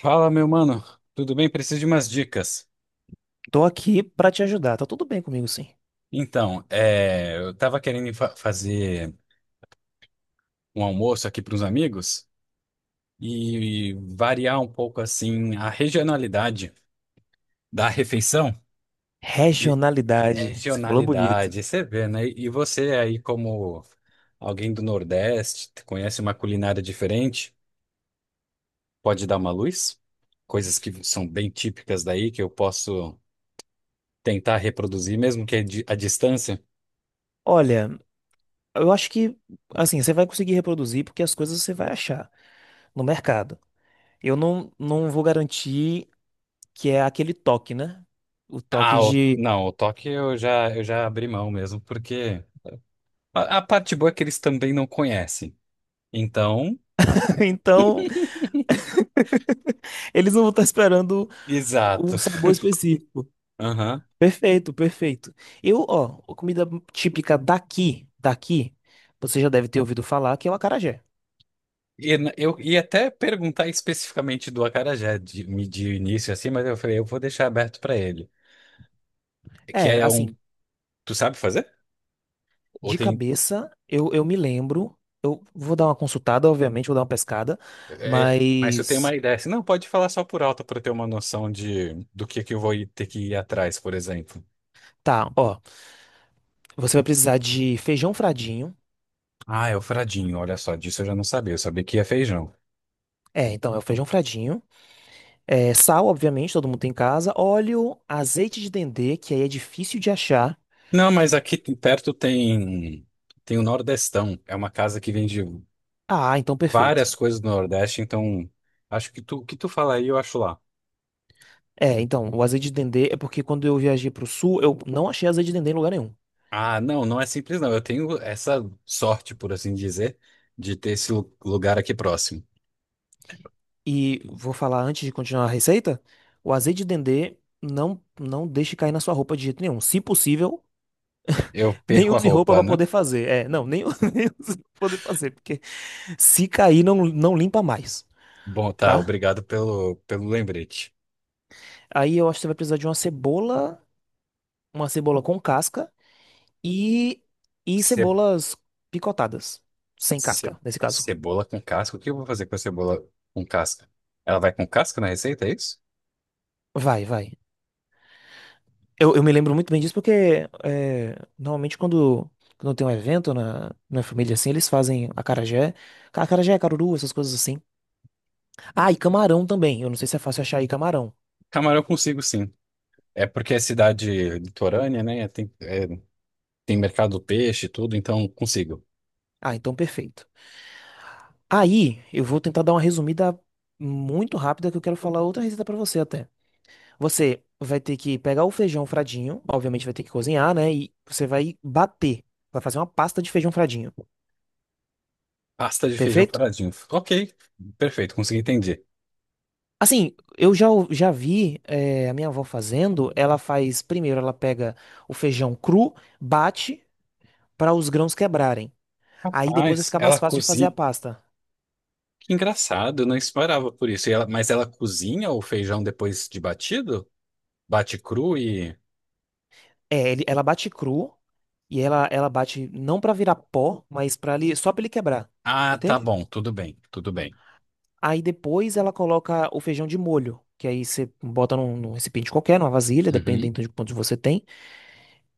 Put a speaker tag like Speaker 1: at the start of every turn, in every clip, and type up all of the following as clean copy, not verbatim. Speaker 1: Fala, meu mano. Tudo bem? Preciso de umas dicas.
Speaker 2: Tô aqui pra te ajudar. Tá tudo bem comigo, sim.
Speaker 1: Eu tava querendo fazer um almoço aqui para uns amigos e variar um pouco assim a regionalidade da refeição. E
Speaker 2: Regionalidade. Você falou bonito.
Speaker 1: regionalidade, você vê, né? E você aí como alguém do Nordeste, conhece uma culinária diferente, pode dar uma luz? Coisas que são bem típicas daí que eu posso tentar reproduzir mesmo que a distância.
Speaker 2: Olha, eu acho que assim, você vai conseguir reproduzir porque as coisas você vai achar no mercado. Eu não vou garantir que é aquele toque, né? O toque
Speaker 1: Ah,
Speaker 2: de.
Speaker 1: não, o toque eu já abri mão mesmo, porque a parte boa é que eles também não conhecem. Então,
Speaker 2: Então, eles não vão estar esperando um
Speaker 1: exato.
Speaker 2: sabor específico.
Speaker 1: Aham.
Speaker 2: Perfeito, perfeito. Eu, ó, a comida típica daqui, daqui, você já deve ter ouvido falar que é o acarajé.
Speaker 1: E eu ia até perguntar especificamente do acarajé de, de início, assim, mas eu falei, eu vou deixar aberto pra ele. Que
Speaker 2: É,
Speaker 1: é um.
Speaker 2: assim,
Speaker 1: Tu sabe fazer? Ou
Speaker 2: de
Speaker 1: tem.
Speaker 2: cabeça, eu me lembro. Eu vou dar uma consultada, obviamente, vou dar uma pescada.
Speaker 1: É, mas eu tenho uma
Speaker 2: Mas.
Speaker 1: ideia. Assim, não, pode falar só por alto pra eu ter uma noção de do que eu vou ter que ir atrás, por exemplo.
Speaker 2: Tá, ó. Você vai precisar de feijão fradinho.
Speaker 1: Ah, é o fradinho, olha só, disso eu já não sabia, eu sabia que ia feijão.
Speaker 2: É, então é o feijão fradinho. É, sal, obviamente, todo mundo tem em casa. Óleo, azeite de dendê, que aí é difícil de achar.
Speaker 1: Não, mas aqui perto tem tem o Nordestão. É uma casa que vende
Speaker 2: Ah, então perfeito.
Speaker 1: várias coisas do Nordeste, então acho que tu o que tu fala aí, eu acho lá.
Speaker 2: É, então, o azeite de dendê é porque quando eu viajei pro sul, eu não achei azeite de dendê em lugar nenhum.
Speaker 1: Ah, não, não é simples não. Eu tenho essa sorte, por assim dizer, de ter esse lugar aqui próximo.
Speaker 2: E vou falar antes de continuar a receita: o azeite de dendê não deixe cair na sua roupa de jeito nenhum. Se possível.
Speaker 1: Eu
Speaker 2: Nem
Speaker 1: perco a
Speaker 2: use roupa
Speaker 1: roupa,
Speaker 2: pra
Speaker 1: né?
Speaker 2: poder fazer. É, não, nem, nem use pra poder fazer, porque se cair, não limpa mais,
Speaker 1: Bom, tá,
Speaker 2: tá?
Speaker 1: obrigado pelo lembrete.
Speaker 2: Aí eu acho que você vai precisar de uma cebola com casca e, e
Speaker 1: Ce,
Speaker 2: cebolas picotadas, sem
Speaker 1: ce-
Speaker 2: casca, nesse caso.
Speaker 1: Cebola com casca. O que eu vou fazer com a cebola com casca? Ela vai com casca na receita, é isso?
Speaker 2: Vai, vai. Eu me lembro muito bem disso porque é, normalmente quando tem um evento na família assim, eles fazem acarajé, acarajé, caruru, essas coisas assim. Ah, e camarão também. Eu não sei se é fácil achar aí camarão.
Speaker 1: Camarão eu consigo sim. É porque é cidade litorânea, né? Tem mercado do peixe e tudo, então consigo.
Speaker 2: Ah, então perfeito. Aí, eu vou tentar dar uma resumida muito rápida que eu quero falar outra receita pra você até. Você vai ter que pegar o feijão fradinho, obviamente vai ter que cozinhar, né? E você vai bater, vai fazer uma pasta de feijão fradinho.
Speaker 1: Pasta de feijão
Speaker 2: Perfeito?
Speaker 1: paradinho. Ok, perfeito, consegui entender.
Speaker 2: Assim, eu já, já vi a minha avó fazendo. Ela faz primeiro, ela pega o feijão cru, bate para os grãos quebrarem. Aí depois vai
Speaker 1: Rapaz,
Speaker 2: ficar
Speaker 1: ela
Speaker 2: mais fácil de fazer a
Speaker 1: cozinha.
Speaker 2: pasta.
Speaker 1: Que engraçado, eu não esperava por isso. Mas ela cozinha o feijão depois de batido? Bate cru e.
Speaker 2: É, ela bate cru e ela bate não pra virar pó, mas para ali só pra ele quebrar,
Speaker 1: Ah, tá
Speaker 2: entende?
Speaker 1: bom, tudo bem, tudo bem.
Speaker 2: Aí depois ela coloca o feijão de molho, que aí você bota num recipiente qualquer, numa vasilha,
Speaker 1: Uhum,
Speaker 2: dependendo de quantos você tem,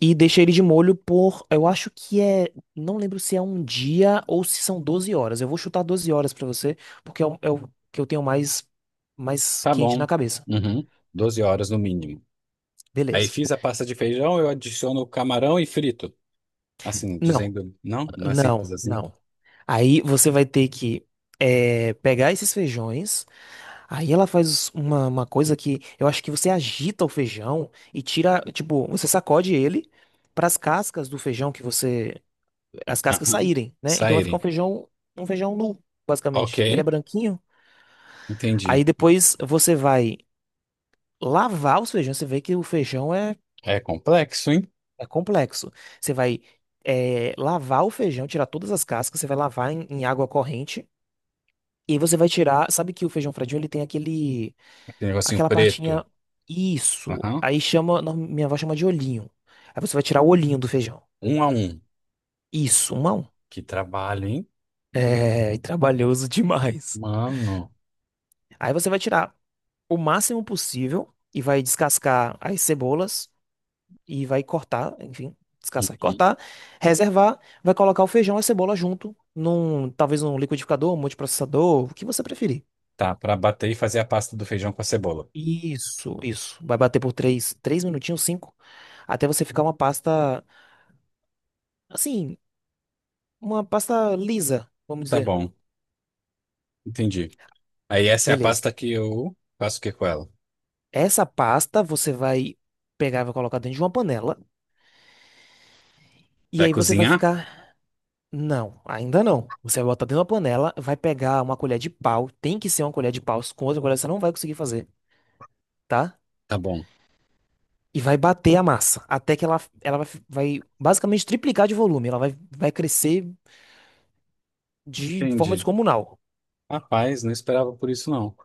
Speaker 2: e deixa ele de molho por, eu acho que é, não lembro se é um dia ou se são 12 horas. Eu vou chutar 12 horas pra você, porque é o, é o que eu tenho mais
Speaker 1: tá
Speaker 2: quente na
Speaker 1: bom.
Speaker 2: cabeça.
Speaker 1: Uhum, 12 horas no mínimo. Aí
Speaker 2: Beleza.
Speaker 1: fiz a pasta de feijão, eu adiciono o camarão e frito. Assim,
Speaker 2: Não,
Speaker 1: dizendo. Não, não é simples
Speaker 2: não,
Speaker 1: assim.
Speaker 2: não. Aí você vai ter que pegar esses feijões. Aí ela faz uma coisa que eu acho que você agita o feijão e tira, tipo, você sacode ele para as cascas do feijão as cascas
Speaker 1: Aham.
Speaker 2: saírem, né? Então vai ficar
Speaker 1: Saírem.
Speaker 2: um feijão nu,
Speaker 1: Ok,
Speaker 2: basicamente. Ele é branquinho. Aí
Speaker 1: entendi.
Speaker 2: depois você vai lavar os feijões. Você vê que o feijão é,
Speaker 1: É complexo, hein?
Speaker 2: é complexo. Você vai lavar o feijão, tirar todas as cascas. Você vai lavar em água corrente. E aí você vai tirar, sabe que o feijão fradinho ele tem aquele,
Speaker 1: Aquele negocinho
Speaker 2: aquela partinha,
Speaker 1: preto.
Speaker 2: isso,
Speaker 1: Aham.
Speaker 2: aí chama, não, minha avó chama de olhinho. Aí você vai tirar o olhinho do feijão.
Speaker 1: Um a um.
Speaker 2: Isso, um a um.
Speaker 1: Que trabalho, hein?
Speaker 2: É, e trabalhoso demais.
Speaker 1: Mano.
Speaker 2: Aí você vai tirar o máximo possível e vai descascar as cebolas e vai cortar, enfim, descascar e
Speaker 1: Uhum.
Speaker 2: cortar, reservar, vai colocar o feijão e a cebola junto num, talvez num liquidificador, um multiprocessador, o que você preferir.
Speaker 1: Tá, pra bater e fazer a pasta do feijão com a cebola.
Speaker 2: Isso, isso. Vai bater por três minutinhos, cinco, até você ficar uma pasta, assim, uma pasta lisa, vamos
Speaker 1: Tá
Speaker 2: dizer.
Speaker 1: bom, entendi. Aí essa é a
Speaker 2: Beleza.
Speaker 1: pasta que eu faço o que com ela?
Speaker 2: Essa pasta você vai pegar e vai colocar dentro de uma panela. E
Speaker 1: Vai
Speaker 2: aí você vai
Speaker 1: cozinhar?
Speaker 2: ficar. Não, ainda não. Você vai botar dentro da panela, vai pegar uma colher de pau. Tem que ser uma colher de pau. Com outra colher você não vai conseguir fazer, tá?
Speaker 1: Tá bom.
Speaker 2: E vai bater a massa. Até que ela vai, vai basicamente triplicar de volume. Ela vai, vai crescer de forma
Speaker 1: Entendi.
Speaker 2: descomunal.
Speaker 1: Rapaz, não esperava por isso não.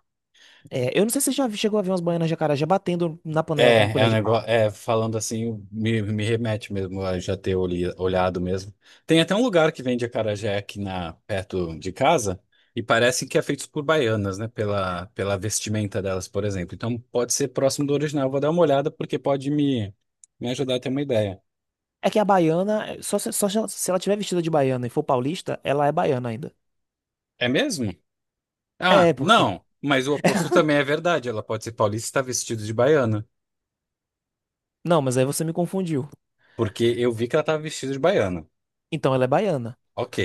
Speaker 2: É, eu não sei se você já chegou a ver umas baianas de acarajé batendo na panela com
Speaker 1: É, é
Speaker 2: colher
Speaker 1: um
Speaker 2: de pau.
Speaker 1: negócio, é, falando assim, me remete mesmo a já ter olhado mesmo. Tem até um lugar que vende acarajé aqui na, perto de casa, e parece que é feito por baianas, né? Pela vestimenta delas, por exemplo. Então pode ser próximo do original. Vou dar uma olhada porque pode me ajudar a ter uma ideia.
Speaker 2: É que a baiana, é, só, só se ela tiver vestida de baiana e for paulista, ela é baiana ainda.
Speaker 1: É mesmo? Ah,
Speaker 2: É, porque.
Speaker 1: não, mas o oposto também é verdade. Ela pode ser paulista e está vestida de baiana,
Speaker 2: Não, mas aí você me confundiu.
Speaker 1: porque eu vi que ela estava vestida de baiana.
Speaker 2: Então ela é baiana.
Speaker 1: Ok,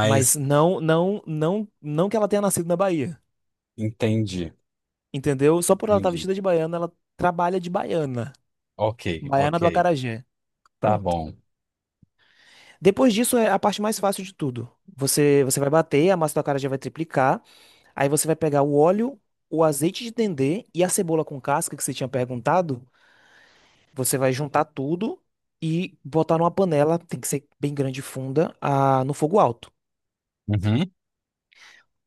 Speaker 2: Mas não, não, não, não que ela tenha nascido na Bahia.
Speaker 1: entendi,
Speaker 2: Entendeu? Só por ela estar
Speaker 1: entendi.
Speaker 2: vestida de baiana, ela trabalha de baiana.
Speaker 1: Ok,
Speaker 2: Baiana
Speaker 1: ok.
Speaker 2: do acarajé.
Speaker 1: Tá
Speaker 2: Pronto.
Speaker 1: bom.
Speaker 2: Depois disso é a parte mais fácil de tudo. Você vai bater, a massa do acarajé vai triplicar. Aí você vai pegar o óleo, o azeite de dendê e a cebola com casca que você tinha perguntado. Você vai juntar tudo e botar numa panela, tem que ser bem grande e funda, ah, no fogo alto.
Speaker 1: Uhum.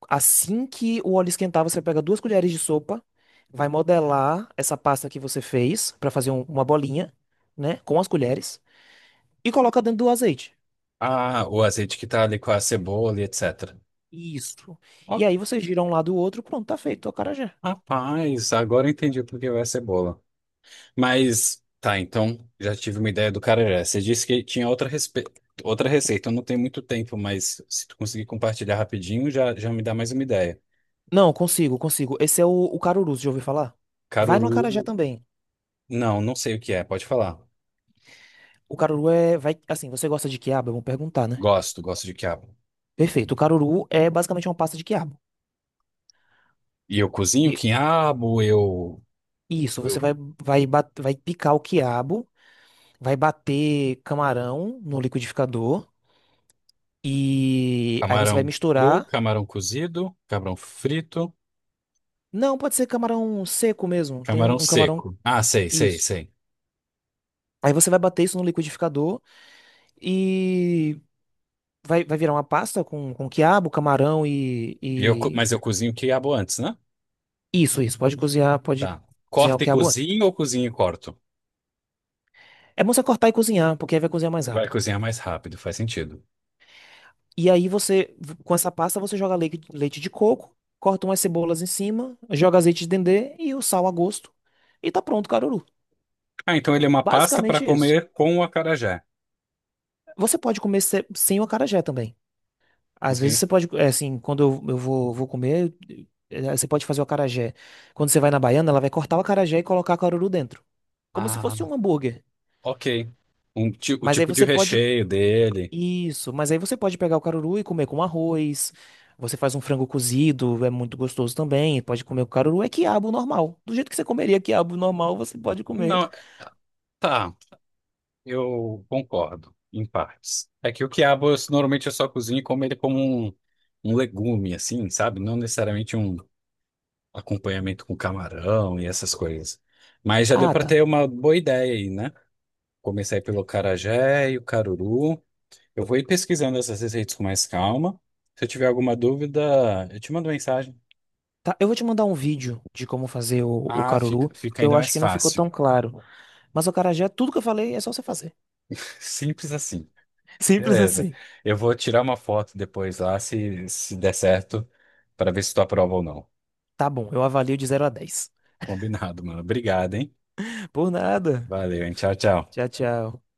Speaker 2: Assim que o óleo esquentar, você pega 2 colheres de sopa, vai modelar essa pasta que você fez para fazer uma bolinha, né, com as colheres e coloca dentro do azeite.
Speaker 1: Ah, o azeite que tá ali com a cebola e etc.
Speaker 2: Isso. E
Speaker 1: Ó,
Speaker 2: aí você gira um lado e o outro, pronto, tá feito, é o acarajé.
Speaker 1: rapaz, agora eu entendi por que vai a cebola. Mas, tá, então já tive uma ideia do carajé. Você disse que tinha outra, respe... outra receita. Eu não tenho muito tempo, mas se tu conseguir compartilhar rapidinho, já, já me dá mais uma ideia.
Speaker 2: Não, consigo, consigo. Esse é o caruru, já ouviu falar? Vai no acarajé
Speaker 1: Caruru,
Speaker 2: também.
Speaker 1: não, não sei o que é. Pode falar.
Speaker 2: O caruru é, vai, assim, você gosta de quiabo? Vamos perguntar, né?
Speaker 1: Gosto, gosto de quiabo.
Speaker 2: Perfeito. O caruru é basicamente uma pasta de quiabo.
Speaker 1: E eu cozinho
Speaker 2: E
Speaker 1: quiabo,
Speaker 2: isso,
Speaker 1: eu
Speaker 2: você vai, vai picar o quiabo, vai bater camarão no liquidificador e aí você vai
Speaker 1: camarão cru,
Speaker 2: misturar.
Speaker 1: camarão cozido, camarão frito.
Speaker 2: Não, pode ser camarão seco mesmo. Tem
Speaker 1: Camarão
Speaker 2: um camarão.
Speaker 1: seco. Ah, sei, sei,
Speaker 2: Isso.
Speaker 1: sei.
Speaker 2: Aí você vai bater isso no liquidificador e vai, vai virar uma pasta com quiabo, camarão e.
Speaker 1: Mas eu cozinho o quiabo antes, né?
Speaker 2: Isso, isso. Pode
Speaker 1: Tá.
Speaker 2: cozinhar o
Speaker 1: Corta e
Speaker 2: quiabo antes.
Speaker 1: cozinho ou cozinho e corto?
Speaker 2: É bom você cortar e cozinhar, porque aí vai cozinhar mais
Speaker 1: Vai
Speaker 2: rápido.
Speaker 1: cozinhar mais rápido, faz sentido.
Speaker 2: E aí você, com essa pasta, você joga leite, leite de coco, corta umas cebolas em cima, joga azeite de dendê e o sal a gosto. E tá pronto, o caruru.
Speaker 1: Ah, então ele é uma pasta para
Speaker 2: Basicamente isso.
Speaker 1: comer com o acarajé.
Speaker 2: Você pode comer sem o acarajé também. Às vezes
Speaker 1: Entendi.
Speaker 2: você pode, é, assim, quando eu vou, vou comer, você pode fazer o acarajé. Quando você vai na baiana, ela vai cortar o acarajé e colocar o caruru dentro. Como se fosse
Speaker 1: Ah,
Speaker 2: um hambúrguer.
Speaker 1: ok. O
Speaker 2: Mas aí
Speaker 1: tipo de
Speaker 2: você pode.
Speaker 1: recheio dele.
Speaker 2: Isso, mas aí você pode pegar o caruru e comer com arroz. Você faz um frango cozido, é muito gostoso também. Pode comer o caruru, é quiabo normal. Do jeito que você comeria quiabo normal, você pode comer.
Speaker 1: Não, tá. Eu concordo, em partes. É que o quiabo eu, normalmente eu só cozinho e como ele como um, um legume, assim, sabe? Não necessariamente um acompanhamento com camarão e essas coisas. Mas já deu
Speaker 2: Ah,
Speaker 1: para
Speaker 2: tá.
Speaker 1: ter uma boa ideia aí, né? Comecei pelo carajé e o caruru. Eu vou ir pesquisando essas receitas com mais calma. Se eu tiver alguma dúvida, eu te mando mensagem.
Speaker 2: Tá, eu vou te mandar um vídeo de como fazer o
Speaker 1: Ah,
Speaker 2: caruru,
Speaker 1: fica, fica
Speaker 2: porque
Speaker 1: ainda
Speaker 2: eu acho
Speaker 1: mais
Speaker 2: que não ficou
Speaker 1: fácil.
Speaker 2: tão claro. Mas o acarajé, tudo que eu falei é só você fazer.
Speaker 1: Simples assim.
Speaker 2: Simples
Speaker 1: Beleza.
Speaker 2: assim.
Speaker 1: Eu vou tirar uma foto depois lá, se der certo, para ver se tu aprova ou não.
Speaker 2: Tá bom, eu avalio de 0 a 10.
Speaker 1: Combinado, mano. Obrigado, hein?
Speaker 2: Por nada.
Speaker 1: Valeu, hein? Tchau, tchau.
Speaker 2: Tchau, tchau.